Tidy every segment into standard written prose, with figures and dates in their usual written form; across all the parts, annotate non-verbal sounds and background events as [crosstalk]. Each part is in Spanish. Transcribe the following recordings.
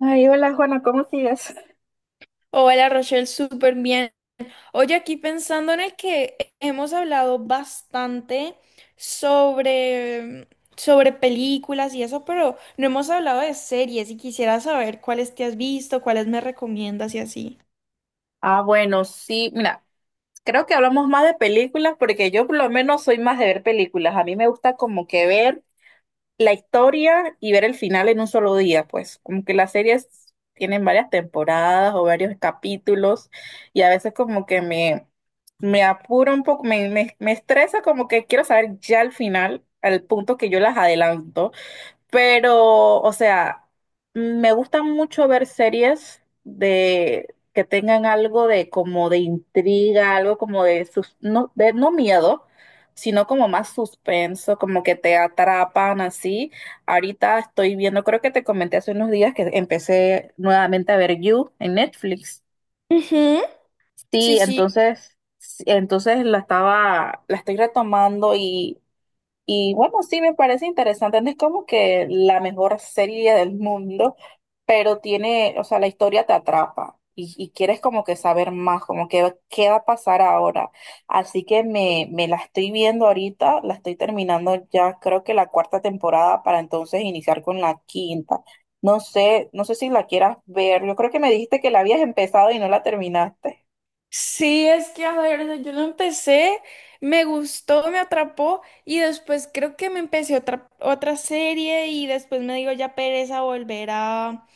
Ay, hola Juana, ¿cómo sigues? Hola Rochelle, súper bien. Oye, aquí pensando en el que hemos hablado bastante sobre, sobre películas y eso, pero no hemos hablado de series y quisiera saber cuáles te has visto, cuáles me recomiendas y así. Ah, bueno, sí, mira, creo que hablamos más de películas porque yo por lo menos soy más de ver películas. A mí me gusta como que ver la historia y ver el final en un solo día, pues, como que las series tienen varias temporadas o varios capítulos y a veces como que me apura un poco, me estresa como que quiero saber ya el final, al punto que yo las adelanto. Pero, o sea, me gusta mucho ver series de que tengan algo de como de intriga, algo como de sus, no, de no miedo, sino como más suspenso, como que te atrapan así. Ahorita estoy viendo, creo que te comenté hace unos días que empecé nuevamente a ver You en Netflix. Ujú. Sí, sí. Sí, entonces la estoy retomando y bueno, sí me parece interesante, no es como que la mejor serie del mundo, pero tiene, o sea, la historia te atrapa y quieres como que saber más, como que qué va a pasar ahora. Así que me la estoy viendo ahorita, la estoy terminando ya, creo que la cuarta temporada para entonces iniciar con la quinta. No sé, no sé si la quieras ver, yo creo que me dijiste que la habías empezado y no la terminaste. Sí, es que a ver, o sea, yo lo empecé, me gustó, me atrapó y después creo que me empecé otra serie y después me digo ya pereza volver a,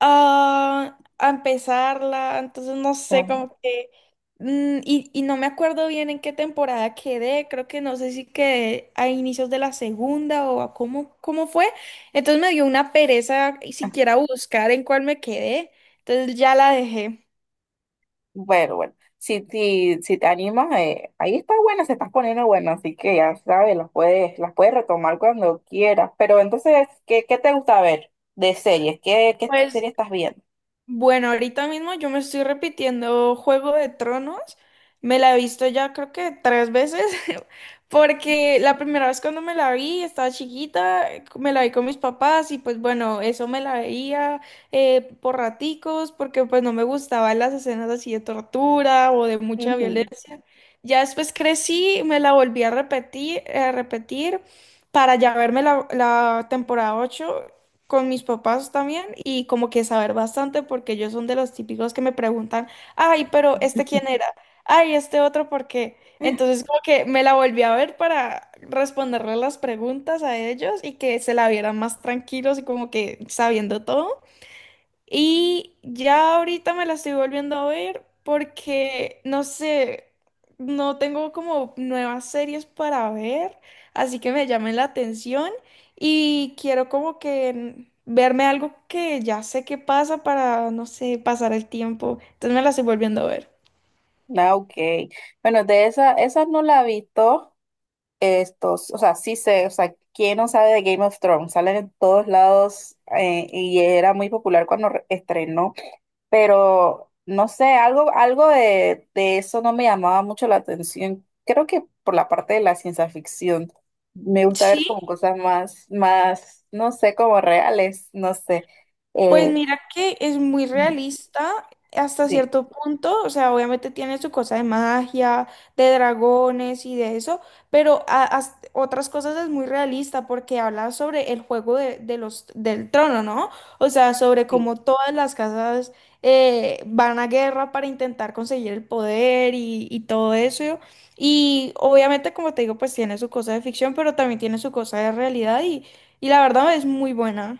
ah, a empezarla, entonces no sé, Ajá. como que. Y no me acuerdo bien en qué temporada quedé, creo que no sé si quedé a inicios de la segunda o a cómo fue. Entonces me dio una pereza y siquiera buscar en cuál me quedé, entonces ya la dejé. Bueno, bueno, si te animas, ahí está buena, se está poniendo buena, así que ya sabes, las puedes retomar cuando quieras. Pero entonces, qué te gusta ver de series? Qué Pues, serie estás viendo? bueno, ahorita mismo yo me estoy repitiendo Juego de Tronos. Me la he visto ya creo que tres veces, [laughs] porque la primera vez cuando me la vi estaba chiquita, me la vi con mis papás y pues bueno, eso me la veía por raticos, porque pues no me gustaban las escenas así de tortura o de mucha Ujú. violencia. Ya después crecí, me la volví a repetir para ya verme la, la temporada 8 con mis papás también y como que saber bastante porque ellos son de los típicos que me preguntan, ay, pero ¿este quién era? Ay, ¿este otro por qué? Entonces como que me la volví a ver para responderle las preguntas a ellos y que se la vieran más tranquilos y como que sabiendo todo. Y ya ahorita me la estoy volviendo a ver porque, no sé, no tengo como nuevas series para ver, así que me llamen la atención y quiero como que verme algo que ya sé qué pasa para, no sé, pasar el tiempo. Entonces me la estoy volviendo a ver. Ah, ok. Bueno, esa no la he visto. Estos, o sea, sí sé, o sea, ¿quién no sabe de Game of Thrones? Salen en todos lados, y era muy popular cuando re- estrenó. Pero no sé, algo de eso no me llamaba mucho la atención. Creo que por la parte de la ciencia ficción. Me gusta Sí. ver como cosas más, no sé, como reales, no sé. Pues Eh, mira que es muy realista hasta sí, cierto punto, o sea, obviamente tiene su cosa de magia, de dragones y de eso, pero otras cosas es muy realista porque habla sobre el juego del trono, ¿no? O sea, sobre sí. cómo todas las casas van a guerra para intentar conseguir el poder y todo eso. Y obviamente, como te digo, pues tiene su cosa de ficción, pero también tiene su cosa de realidad y la verdad es muy buena.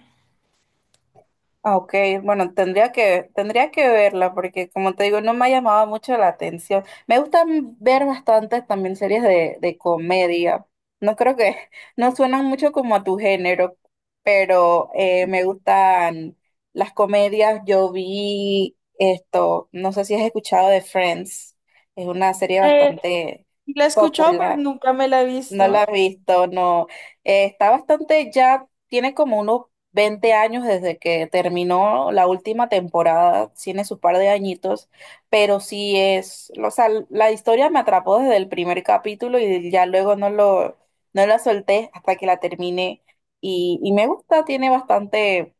Ah, ok, bueno, tendría que verla porque como te digo, no me ha llamado mucho la atención. Me gusta ver bastantes también series de comedia. No creo que, [laughs] no suenan mucho como a tu género, pero me gustan las comedias. Yo vi esto, no sé si has escuchado de Friends, es una serie bastante La he escuchado, pero popular. nunca me la he No la visto. he visto, no. Está bastante, ya tiene como unos 20 años desde que terminó la última temporada, tiene sus par de añitos, pero sí es, o sea, la historia me atrapó desde el primer capítulo y ya luego no la solté hasta que la terminé. Y me gusta, tiene bastante,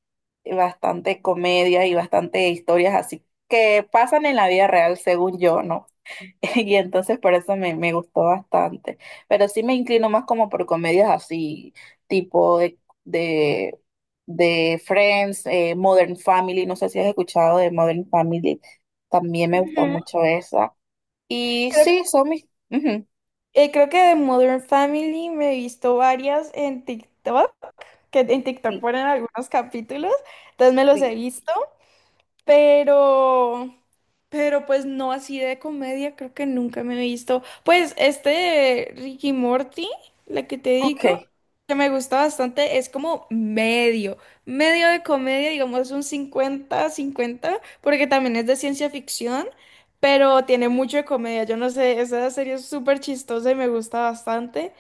bastante comedia y bastante historias así que pasan en la vida real, según yo, ¿no? [laughs] Y entonces por eso me gustó bastante. Pero sí me inclino más como por comedias así, tipo de, de Friends, Modern Family. No sé si has escuchado de Modern Family. También me gusta Ujú. mucho esa. Y Creo, sí, son mis... ujú, creo que de Modern Family me he visto varias en TikTok, que en TikTok sí, ponen algunos capítulos, entonces me los sí. he visto. Pero, pero pues no así de comedia, creo que nunca me he visto. Pues este de Ricky Morty, la que te digo, Ok. que me gusta bastante, es como medio de comedia, digamos un cincuenta cincuenta porque también es de ciencia ficción, pero tiene mucho de comedia. Yo no sé, esa serie es súper chistosa y me gusta bastante.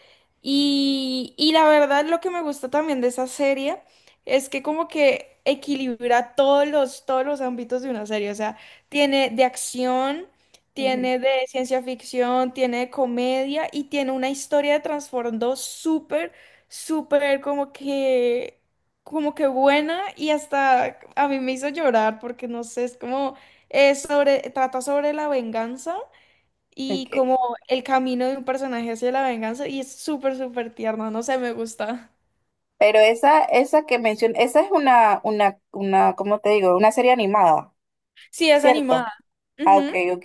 Y la verdad, lo que me gusta también de esa serie. Es que como que equilibra todos los ámbitos de una serie. O sea, tiene de acción, Ujú, tiene de ciencia ficción, tiene de comedia y tiene una historia de trasfondo súper, súper como que buena y hasta a mí me hizo llorar porque no sé, es como, es sobre, trata sobre la venganza. Y ok. como el camino de un personaje hacia la venganza, y es súper, súper tierno, no sé, me gusta. Pero esa que mencioné, esa es una, ¿cómo te digo? Una serie animada, Sí, es ¿cierto? animada. Ah, ok, Ujú. ok.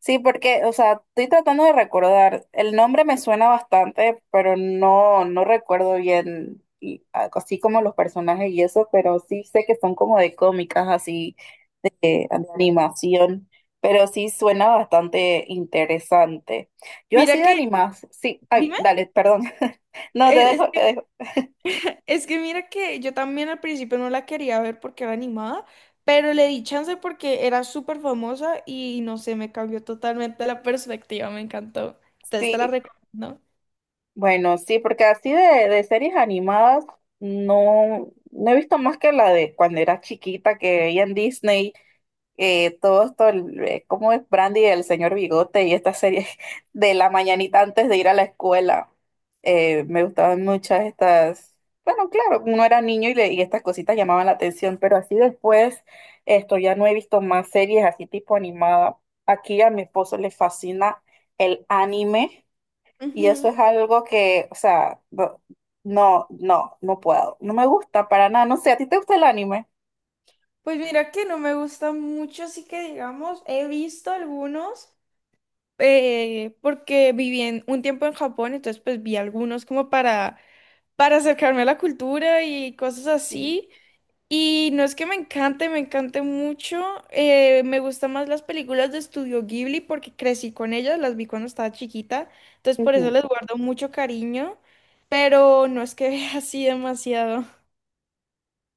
Sí, porque, o sea, estoy tratando de recordar. El nombre me suena bastante, pero no, no recuerdo bien, y, ah, así como los personajes y eso, pero sí sé que son como de cómicas, así, de animación, pero sí suena bastante interesante. Yo Mira así de que. animas, sí, ay, Dime, dale, perdón. [laughs] No, te es, dejo, te dejo. es que mira que yo también al principio no la quería ver porque era animada, pero le di chance porque era súper famosa y no sé, me cambió totalmente la perspectiva, me encantó. Entonces Sí, te la recomiendo. bueno, sí, porque así de series animadas no, no he visto más que la de cuando era chiquita que veía en Disney, todo esto, el- ¿cómo es Brandy, el señor Bigote y esta serie [laughs] de la mañanita antes de ir a la escuela? Me gustaban muchas estas, bueno, claro, uno era niño y, le- y estas cositas llamaban la atención, pero así después esto ya no he visto más series así tipo animada. Aquí a mi esposo le fascina el anime. Y eso Ujú. es algo que, o sea, no no puedo. No me gusta para nada. No sé, ¿a ti te gusta el anime? Pues mira que no me gusta mucho, así que digamos, he visto algunos porque viví un tiempo en Japón, entonces pues vi algunos como para acercarme a la cultura y cosas Sí. así. Y no es que me encante mucho. Me gustan más las películas de Estudio Ghibli porque crecí con ellas, las vi cuando estaba chiquita. Entonces por eso Ujú. les guardo mucho cariño, pero no es que [laughs] vea así demasiado.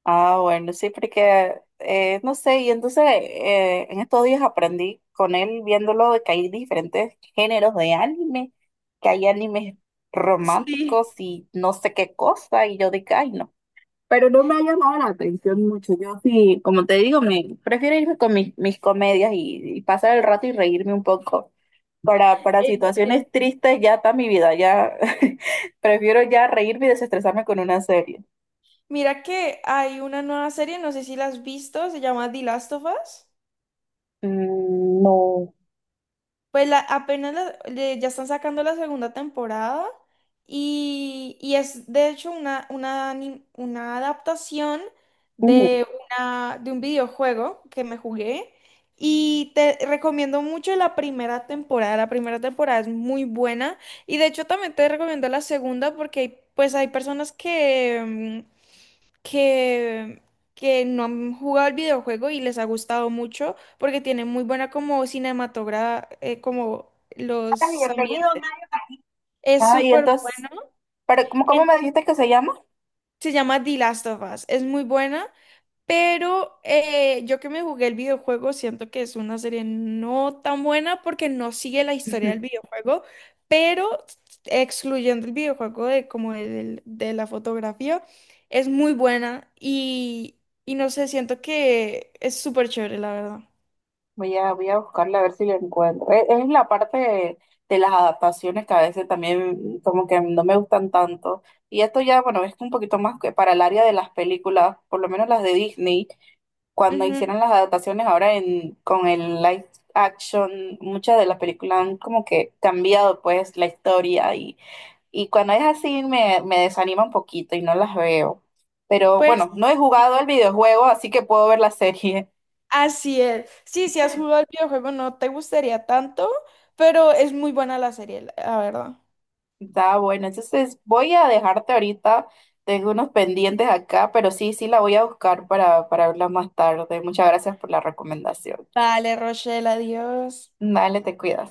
Ah, bueno, sí, porque, no sé, y entonces en estos días aprendí con él viéndolo de que hay diferentes géneros de anime, que hay animes Sí, románticos y no sé qué cosa, y yo dije, ay, no. Pero no me ha llamado la atención mucho. Yo sí, como te digo, me prefiero irme con mis comedias y pasar el rato y reírme un poco. Para entiendo. situaciones tristes ya está mi vida, ya [laughs] prefiero ya reírme y desestresarme con una serie. Mira que hay una nueva serie, no sé si la has visto, se llama The Last of Us. Mm, no. Pues apenas ya están sacando la segunda temporada y es de hecho una adaptación Ujú. de, de un videojuego que me jugué y te recomiendo mucho la primera temporada. La primera temporada es muy buena y de hecho también te recomiendo la segunda porque pues hay personas que. Mm, que, que no han jugado el videojuego y les ha gustado mucho porque tiene muy buena como como los Bienvenido, ambientes. Mike. Es Ah, y súper entonces, bueno. pero, cómo En- me dijiste que se llama? Se llama The Last of Us. Es muy buena, pero yo que me jugué el videojuego siento que es una serie no tan buena porque no sigue la historia del [laughs] videojuego, pero excluyendo el videojuego de como de, de la fotografía, es muy buena y no sé, siento que es súper chévere, la verdad. Voy a buscarla a ver si la encuentro. Es, la parte de las adaptaciones que a veces también como que no me gustan tanto. Y esto ya, bueno, es un poquito más que para el área de las películas, por lo menos las de Disney, cuando Ujú. hicieron las adaptaciones ahora en, con el live action, muchas de las películas han como que cambiado pues la historia y cuando es así me desanima un poquito y no las veo. Pero Pues. bueno, no he jugado el videojuego, así que puedo ver la serie. Así es. Sí, si has jugado el videojuego no te gustaría tanto, pero es muy buena la serie, la verdad. Está bueno, entonces voy a dejarte ahorita, tengo unos pendientes acá, pero sí, sí la voy a buscar para verla más tarde. Muchas gracias por la recomendación. Vale, Rochelle, adiós. Dale, te cuidas.